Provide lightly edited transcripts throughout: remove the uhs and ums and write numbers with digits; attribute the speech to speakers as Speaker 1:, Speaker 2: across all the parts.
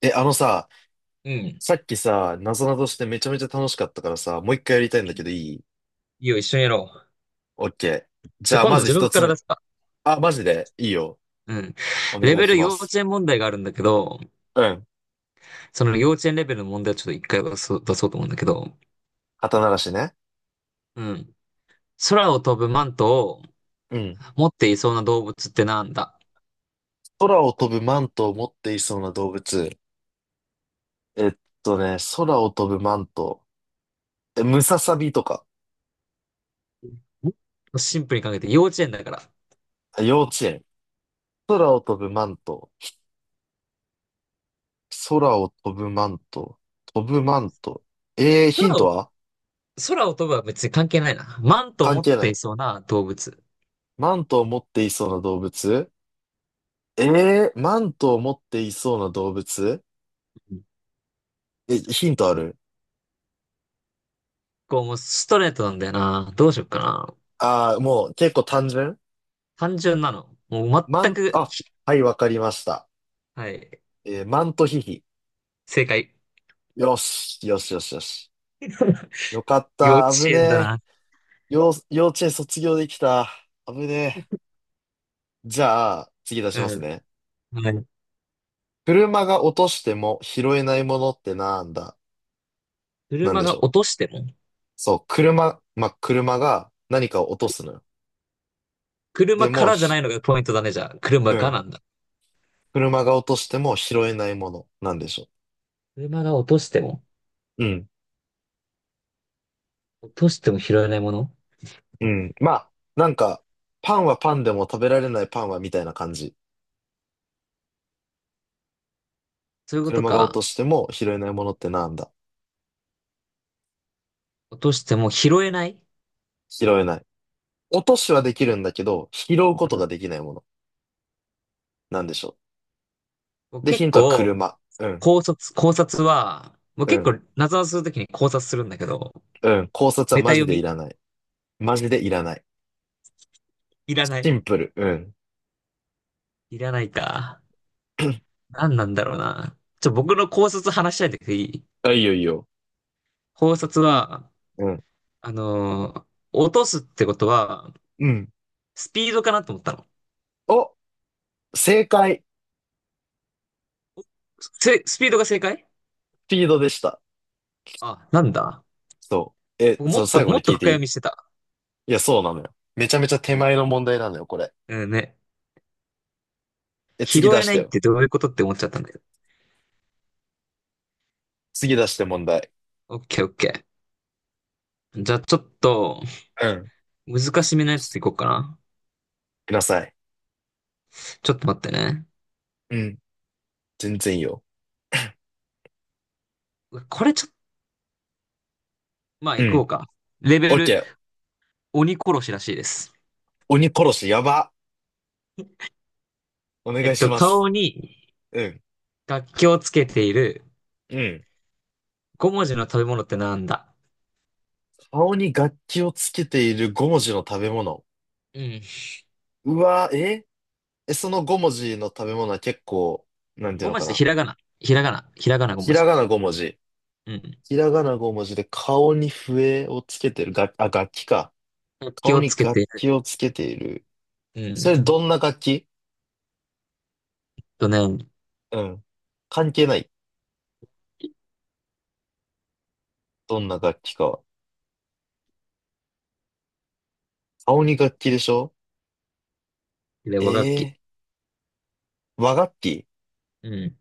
Speaker 1: あのさ、
Speaker 2: うん。い
Speaker 1: さっきさ、なぞなぞしてめちゃめちゃ楽しかったからさ、もう一回やりたいんだけどいい？
Speaker 2: いよ、一緒にやろう。
Speaker 1: オッケー。じ
Speaker 2: じゃあ
Speaker 1: ゃあ、
Speaker 2: 今
Speaker 1: ま
Speaker 2: 度
Speaker 1: ず
Speaker 2: 自分
Speaker 1: 一
Speaker 2: か
Speaker 1: つ
Speaker 2: ら
Speaker 1: 目。
Speaker 2: 出すか。
Speaker 1: あ、マジでいいよ。
Speaker 2: うん。
Speaker 1: お
Speaker 2: レ
Speaker 1: 願い
Speaker 2: ベ
Speaker 1: し
Speaker 2: ル
Speaker 1: ま
Speaker 2: 幼
Speaker 1: す。
Speaker 2: 稚園問題があるんだけど、
Speaker 1: うん。
Speaker 2: その幼稚園レベルの問題をちょっと一回出そうと思うんだけど、
Speaker 1: 肩慣らしね。
Speaker 2: うん。空を飛ぶマントを
Speaker 1: うん。
Speaker 2: 持っていそうな動物ってなんだ？
Speaker 1: 空を飛ぶマントを持っていそうな動物。えっ空を飛ぶマント。え、ムササビとか。
Speaker 2: もっとシンプルに考えて幼稚園だから。
Speaker 1: あ、幼稚園。空を飛ぶマント。空を飛ぶマント。飛ぶマント。えー、ヒン
Speaker 2: 空
Speaker 1: ト
Speaker 2: を、
Speaker 1: は？
Speaker 2: 空を飛ぶは別に関係ないな。マントを
Speaker 1: 関
Speaker 2: 持っ
Speaker 1: 係な
Speaker 2: てい
Speaker 1: い。
Speaker 2: そうな動物。
Speaker 1: マントを持っていそうな動物。ええー、マントを持っていそうな動物。
Speaker 2: うん。
Speaker 1: え、ヒントある？
Speaker 2: こう、もうストレートなんだよな。どうしよっかな。
Speaker 1: ああー、もう結構単純？
Speaker 2: 単純なの。もう
Speaker 1: マ
Speaker 2: 全
Speaker 1: ン、
Speaker 2: く、
Speaker 1: あ、はい、わかりました。
Speaker 2: はい。
Speaker 1: マントヒヒ。
Speaker 2: 正解。
Speaker 1: よし、よしよしよし。よかっ
Speaker 2: 幼稚
Speaker 1: た、危
Speaker 2: 園だ
Speaker 1: ね
Speaker 2: な。
Speaker 1: え。幼稚園卒業できた。危ねえ。じゃあ、次出しま
Speaker 2: う
Speaker 1: す
Speaker 2: ん。
Speaker 1: ね。
Speaker 2: はい。
Speaker 1: 車が落としても拾えないものってなんだ？なん
Speaker 2: 車
Speaker 1: でし
Speaker 2: が
Speaker 1: ょ
Speaker 2: 落と
Speaker 1: う？
Speaker 2: しても、
Speaker 1: そう、車、まあ、車が何かを落とすのよ。で
Speaker 2: 車か
Speaker 1: も、
Speaker 2: らじゃ
Speaker 1: ひ、
Speaker 2: ないのがポイントだね、じゃあ。車
Speaker 1: う
Speaker 2: が
Speaker 1: ん。
Speaker 2: なんだ。
Speaker 1: 車が落としても拾えないもの。なんでしょ
Speaker 2: 車が落としても、
Speaker 1: う？うん。
Speaker 2: 落としても拾えないもの。
Speaker 1: うん。まあ、なんか、パンはパンでも食べられないパンはみたいな感じ。
Speaker 2: そういうこと
Speaker 1: 車が落と
Speaker 2: か。
Speaker 1: しても拾えないものってなんだ？
Speaker 2: 落としても拾えない。
Speaker 1: 拾えない。落としはできるんだけど、拾うこ
Speaker 2: う
Speaker 1: と
Speaker 2: ん。
Speaker 1: ができないもの。なんでしょ
Speaker 2: もう
Speaker 1: う。で、ヒ
Speaker 2: 結
Speaker 1: ントは
Speaker 2: 構、
Speaker 1: 車。うん、
Speaker 2: 考察は、もう
Speaker 1: う
Speaker 2: 結
Speaker 1: ん、
Speaker 2: 構、謎をするときに考察するんだけど、
Speaker 1: うん。考察は
Speaker 2: ネタ
Speaker 1: マジ
Speaker 2: 読
Speaker 1: でい
Speaker 2: み。
Speaker 1: らない。マジでいらない。
Speaker 2: いらな
Speaker 1: シ
Speaker 2: い。
Speaker 1: ンプル。うん。
Speaker 2: いらないか。何なんだろうな。ちょ、僕の考察話しないでくれ、いい？
Speaker 1: あ、いいよいいよ。
Speaker 2: 考察は、
Speaker 1: うん、
Speaker 2: 落とすってことは、
Speaker 1: うん。
Speaker 2: スピードかなと思ったの。
Speaker 1: お、正解。
Speaker 2: スピードが正解？
Speaker 1: スピードでした。
Speaker 2: あ、なんだ。
Speaker 1: そう。え、
Speaker 2: 僕も
Speaker 1: そ
Speaker 2: っ
Speaker 1: う、
Speaker 2: と、
Speaker 1: 最後
Speaker 2: も
Speaker 1: に
Speaker 2: っと
Speaker 1: 聞いて
Speaker 2: 深
Speaker 1: い
Speaker 2: 読
Speaker 1: い？
Speaker 2: みしてた。
Speaker 1: いや、そうなのよ。めちゃめちゃ手
Speaker 2: うん、
Speaker 1: 前の問題なのよ、これ。
Speaker 2: うんね。
Speaker 1: え、次
Speaker 2: 拾
Speaker 1: 出
Speaker 2: え
Speaker 1: し
Speaker 2: な
Speaker 1: て
Speaker 2: いっ
Speaker 1: よ。
Speaker 2: てどういうことって思っちゃったんだけど。
Speaker 1: 次出して問題。
Speaker 2: オッケーオッケー。じゃあちょっと、
Speaker 1: うん。
Speaker 2: 難しめのやつていこうかな。
Speaker 1: ください。
Speaker 2: ちょっと待ってね。
Speaker 1: うん。全然いいよ。
Speaker 2: これちょっと、まあ
Speaker 1: う
Speaker 2: いこ
Speaker 1: ん。
Speaker 2: うか。レ
Speaker 1: オ
Speaker 2: ベ
Speaker 1: ッケ
Speaker 2: ル、
Speaker 1: ー。
Speaker 2: 鬼殺しらしいです。
Speaker 1: 鬼殺し、やば。お願いします。
Speaker 2: 顔に
Speaker 1: うん。
Speaker 2: 楽器をつけている
Speaker 1: うん。
Speaker 2: 五文字の食べ物ってなんだ？
Speaker 1: 顔に楽器をつけている五文字の食べ物。
Speaker 2: うん。
Speaker 1: うわ、ええ、その五文字の食べ物は結構、なんていう
Speaker 2: 五
Speaker 1: の
Speaker 2: 文
Speaker 1: か
Speaker 2: 字でひ
Speaker 1: な。
Speaker 2: らがな。ひらがな。ひらがな五
Speaker 1: ひ
Speaker 2: 文
Speaker 1: ら
Speaker 2: 字。
Speaker 1: がな五文字。
Speaker 2: うん。
Speaker 1: ひらがな五文字で顔に笛をつけてる。が、あ、楽器か。
Speaker 2: 楽器
Speaker 1: 顔
Speaker 2: をつ
Speaker 1: に
Speaker 2: け
Speaker 1: 楽
Speaker 2: ている。
Speaker 1: 器をつけている。
Speaker 2: うん。
Speaker 1: それどんな楽器？
Speaker 2: とね、
Speaker 1: うん。関係ない。どんな楽器かは。顔に楽器でしょ？え
Speaker 2: 和楽器。
Speaker 1: えー、和楽器？
Speaker 2: うん。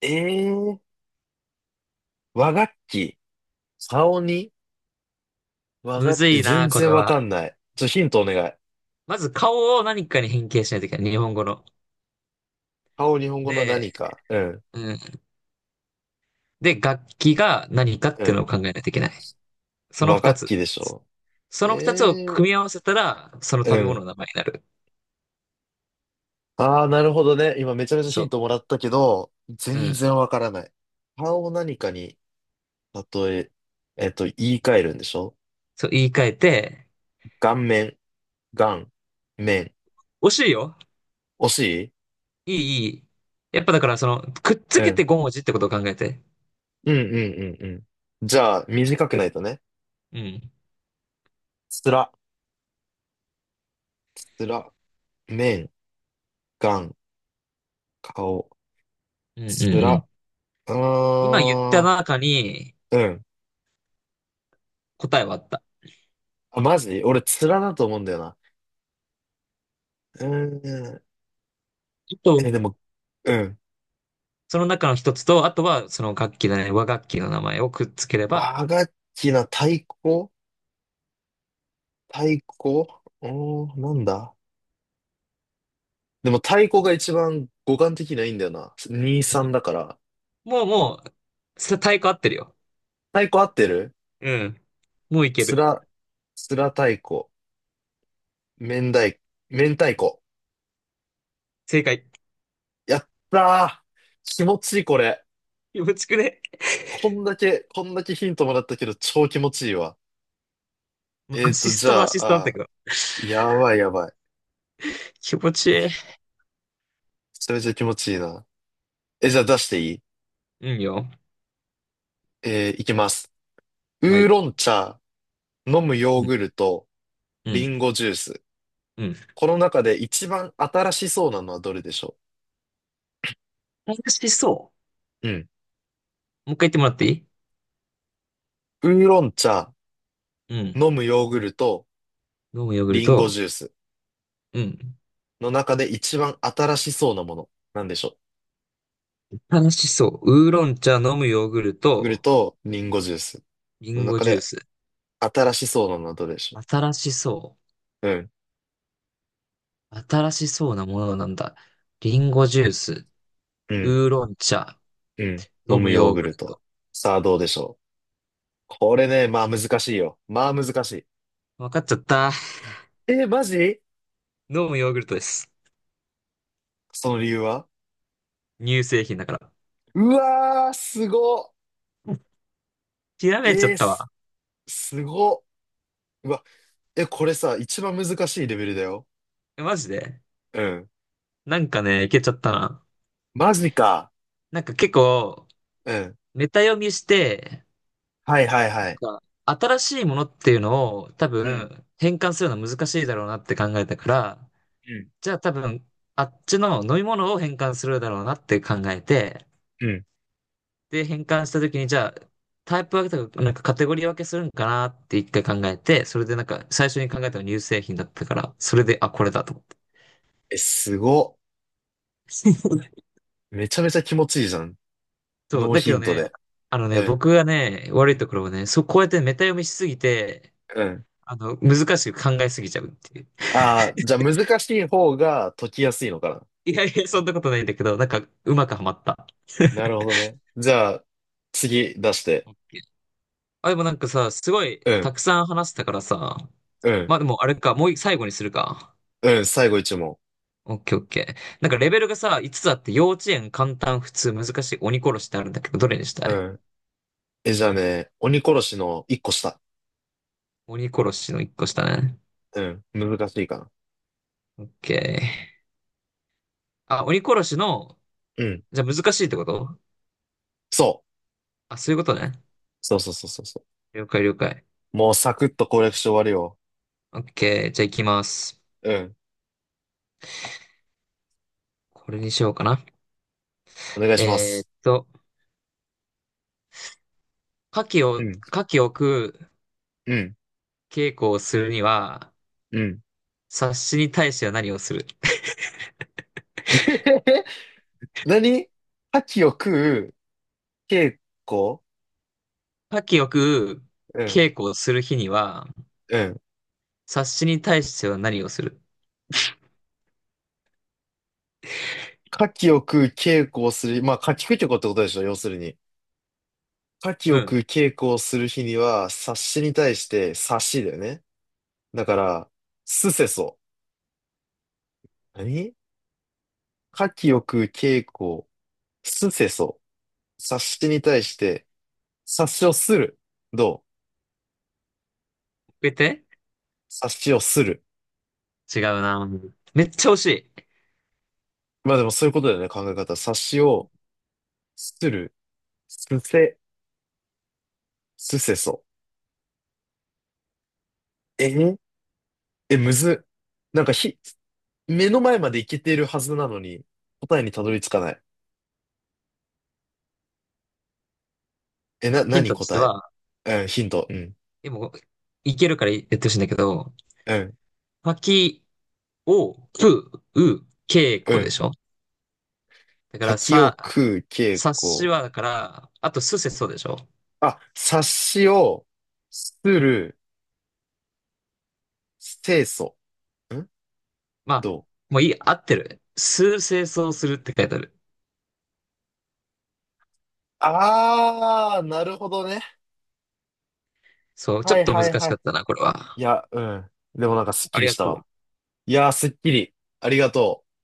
Speaker 1: ええー、和楽器。顔に和
Speaker 2: む
Speaker 1: 楽器。
Speaker 2: ず
Speaker 1: え、
Speaker 2: い
Speaker 1: 全
Speaker 2: な、これ
Speaker 1: 然わか
Speaker 2: は。
Speaker 1: んない。ちょ、ヒントお願い。
Speaker 2: まず顔を何かに変形しないといけない。日本語の。
Speaker 1: 顔、日本語の何
Speaker 2: で、
Speaker 1: か。うん、
Speaker 2: うん。で、楽器が何かっ
Speaker 1: う
Speaker 2: ていうの
Speaker 1: ん。
Speaker 2: を考えないといけない。その
Speaker 1: 和
Speaker 2: 二
Speaker 1: 楽
Speaker 2: つ。
Speaker 1: 器でしょ。
Speaker 2: その二つを
Speaker 1: え
Speaker 2: 組
Speaker 1: え
Speaker 2: み合わせたら、その
Speaker 1: ー、う
Speaker 2: 食べ物
Speaker 1: ん。
Speaker 2: の名前になる。
Speaker 1: ああ、なるほどね。今めちゃめちゃヒ
Speaker 2: そ
Speaker 1: ントもらったけど、
Speaker 2: う。う
Speaker 1: 全
Speaker 2: ん。
Speaker 1: 然わからない。顔を何かに、例え、えっと、言い換えるんでしょ？
Speaker 2: そう、言い換えて、
Speaker 1: 顔面、顔、面。
Speaker 2: 惜しいよ。
Speaker 1: 惜しい？
Speaker 2: いい、いい。やっぱだからその、くっつ
Speaker 1: う
Speaker 2: け
Speaker 1: ん。
Speaker 2: て5文字ってことを考えて。
Speaker 1: うんうんうんうん。じゃあ、短くないとね。
Speaker 2: うん。
Speaker 1: つら、つら、面、顔。顔。
Speaker 2: うん、うん、う
Speaker 1: つ
Speaker 2: ん。
Speaker 1: ら。う
Speaker 2: 今言った
Speaker 1: ーん。
Speaker 2: 中に
Speaker 1: うん。
Speaker 2: 答えはあった。あ
Speaker 1: あ、マジ俺、つらだと思うんだよな。うーん。
Speaker 2: と、
Speaker 1: え、でも、うん。
Speaker 2: その中の一つと、あとはその楽器だね、和楽器の名前をくっつければ、
Speaker 1: 和楽器な、太鼓？太鼓、うーん、なんだ？でも太鼓が一番五感的にはいいんだよな。2、3だから。
Speaker 2: もう、太鼓合ってるよ。
Speaker 1: 太鼓合ってる？
Speaker 2: うん。もういけ
Speaker 1: つ
Speaker 2: る。
Speaker 1: ら、つら太鼓。明太、明太子。
Speaker 2: 正解。
Speaker 1: やったー、気持ちいい、これ。
Speaker 2: 気持ちくね。
Speaker 1: こんだけ、こんだけヒントもらったけど、超気持ちいいわ。
Speaker 2: もうアシス
Speaker 1: じ
Speaker 2: ト
Speaker 1: ゃ
Speaker 2: もアシストなん
Speaker 1: あ、
Speaker 2: だったけ
Speaker 1: あ、
Speaker 2: ど。
Speaker 1: やばいやばい。
Speaker 2: 気持ちいい。
Speaker 1: それゃめちゃ気持ちいいな。え、じゃあ出していい？
Speaker 2: うんよ。
Speaker 1: いきます。
Speaker 2: は
Speaker 1: ウー
Speaker 2: い。
Speaker 1: ロン茶、飲むヨー
Speaker 2: うん。
Speaker 1: グルト、
Speaker 2: う
Speaker 1: リ
Speaker 2: ん。
Speaker 1: ンゴジュース。
Speaker 2: うん。
Speaker 1: この中で一番新しそうなのはどれでしょ
Speaker 2: 楽しそ
Speaker 1: う？うん。
Speaker 2: う。もう一回言ってもらっていい？
Speaker 1: ウーロン茶、
Speaker 2: うん。
Speaker 1: 飲むヨーグルト、
Speaker 2: 飲むヨーグル
Speaker 1: リンゴ
Speaker 2: ト。
Speaker 1: ジュース
Speaker 2: うん。
Speaker 1: の中で一番新しそうなもの。なんでしょう？
Speaker 2: 楽しそう。ウーロン茶、飲むヨーグル
Speaker 1: ヨーグル
Speaker 2: ト、
Speaker 1: ト、リンゴジュース
Speaker 2: リ
Speaker 1: の
Speaker 2: ンゴ
Speaker 1: 中
Speaker 2: ジュー
Speaker 1: で
Speaker 2: ス。
Speaker 1: 新しそうなのはどれでしょ
Speaker 2: 新しそ
Speaker 1: う？うん。
Speaker 2: う。新しそうなものなんだ。リンゴジュース。
Speaker 1: うん。
Speaker 2: ウーロン茶。
Speaker 1: うん。飲
Speaker 2: 飲
Speaker 1: む
Speaker 2: む
Speaker 1: ヨー
Speaker 2: ヨー
Speaker 1: グ
Speaker 2: グル
Speaker 1: ル
Speaker 2: ト。
Speaker 1: ト。さあどうでしょう？これね、まあ難しいよ。まあ難しい。
Speaker 2: わかっちゃった。
Speaker 1: えー、マジ？
Speaker 2: 飲むヨーグルトです。
Speaker 1: その理由は？
Speaker 2: 乳製品だから。
Speaker 1: うわー、すごっ。
Speaker 2: ひらめいちゃ
Speaker 1: え
Speaker 2: っ
Speaker 1: ー、
Speaker 2: た
Speaker 1: す、
Speaker 2: わ。
Speaker 1: すごっ。うわ、え、これさ、一番難しいレベルだよ。
Speaker 2: えマジで？
Speaker 1: うん。
Speaker 2: なんかね、いけちゃったな。
Speaker 1: マジか。
Speaker 2: なんか結構、
Speaker 1: うん。
Speaker 2: メタ読みして、
Speaker 1: はいはいはい。
Speaker 2: なんか新しいものっていうのを多
Speaker 1: うん、
Speaker 2: 分変換するのは難しいだろうなって考えたから、
Speaker 1: うん、
Speaker 2: じゃあ多分あっちの飲み物を変換するだろうなって考えて、
Speaker 1: うん。
Speaker 2: で、変換した時にじゃあタイプ分けとか、なんかカテゴリー分けするんかなって一回考えて、それでなんか最初に考えたのは乳製品だったから、それで、あ、これだと思って。
Speaker 1: え、すご っ、めちゃめちゃ気持ちいいじゃん。
Speaker 2: そう、
Speaker 1: ノー
Speaker 2: だけ
Speaker 1: ヒ
Speaker 2: ど
Speaker 1: ント
Speaker 2: ね、
Speaker 1: で。
Speaker 2: あの
Speaker 1: う
Speaker 2: ね、
Speaker 1: ん、
Speaker 2: 僕がね、悪いところはね、そう、こうやってメタ読みしすぎて、
Speaker 1: うん。
Speaker 2: 難しく考えすぎちゃうっていう。
Speaker 1: ああ、じゃあ難しい方が解きやすいのか
Speaker 2: いやいや、そんなことないんだけど、なんか、うまくはまった。
Speaker 1: な。なるほどね。じゃあ、次出して。
Speaker 2: オッケー。あ、でもなんかさ、すごい、
Speaker 1: うん、
Speaker 2: たくさん話したからさ、
Speaker 1: うん、
Speaker 2: まあでも、あれか、もう最後にするか。
Speaker 1: うん。最後一問。
Speaker 2: オッケーオッケー。なんかレベルがさ、5つつあって、幼稚園、簡単、普通、難しい、鬼殺しってあるんだけど、どれにした
Speaker 1: う
Speaker 2: い？
Speaker 1: ん。え、じゃあね、鬼殺しの一個下。
Speaker 2: 鬼殺しの1個下ね。
Speaker 1: うん、難しいかな。
Speaker 2: オッケー。あ、鬼殺しの、
Speaker 1: うん、
Speaker 2: じゃあ難しいってこと？
Speaker 1: そう。
Speaker 2: あ、そういうことね。
Speaker 1: そうそうそうそうそ
Speaker 2: 了解了解。
Speaker 1: う。もうサクッと攻略して終わるよ。
Speaker 2: オッケー、じゃあ行きます。
Speaker 1: うん、
Speaker 2: これにしようかな。
Speaker 1: お願いしま
Speaker 2: え
Speaker 1: す。
Speaker 2: ーっと、牡蠣を、
Speaker 1: うん、
Speaker 2: 牡蠣を食う
Speaker 1: うん、
Speaker 2: 稽古をするには、
Speaker 1: うん。
Speaker 2: 察しに対しては何をする？
Speaker 1: 何？牡蠣を食う稽古？
Speaker 2: 牡蠣を食う
Speaker 1: うん、
Speaker 2: 稽古をする日には、
Speaker 1: うん。
Speaker 2: 察しに対しては何をする？
Speaker 1: 牡蠣を食う稽古をする。まあ、牡蠣食いってことでしょ、要するに。牡蠣
Speaker 2: う
Speaker 1: を食
Speaker 2: ん。
Speaker 1: う稽古をする日には、察しに対して察しだよね。だから、すせそ。何？牡蠣を食う稽古、すせそ。察しに対して、察しをする。どう？
Speaker 2: えて、
Speaker 1: 察しをする。
Speaker 2: 違うな。めっちゃ惜しい。
Speaker 1: まあでもそういうことだよね、考え方。察しをする。すせ、すせそ。ええ、むずっ。なんかひ、目の前までいけてるはずなのに、答えにたどり着かない。え、
Speaker 2: ヒン
Speaker 1: 何
Speaker 2: トとして
Speaker 1: 答え？
Speaker 2: は、
Speaker 1: うん、ヒント。うん。
Speaker 2: でも、いけるから言ってほしいんだけど、
Speaker 1: うん、
Speaker 2: 牡蠣を食う稽
Speaker 1: う
Speaker 2: 古で
Speaker 1: ん。
Speaker 2: しょ？だから、
Speaker 1: 柿を
Speaker 2: さ、
Speaker 1: 食う傾
Speaker 2: 察し
Speaker 1: 向。
Speaker 2: は、だから、あと、すせそうでしょ？
Speaker 1: あ、察しをする、清楚。ん？
Speaker 2: まあ、
Speaker 1: どう？
Speaker 2: もういい、合ってる。数清掃するって書いてある。
Speaker 1: あー、なるほどね。
Speaker 2: そう、ちょ
Speaker 1: は
Speaker 2: っ
Speaker 1: い
Speaker 2: と
Speaker 1: はい
Speaker 2: 難し
Speaker 1: は
Speaker 2: かっ
Speaker 1: い。
Speaker 2: たな、これ
Speaker 1: い
Speaker 2: は。
Speaker 1: や、うん。でもなんかすっき
Speaker 2: あり
Speaker 1: り
Speaker 2: が
Speaker 1: した
Speaker 2: とう。
Speaker 1: わ。いやー、すっきり。ありがとう。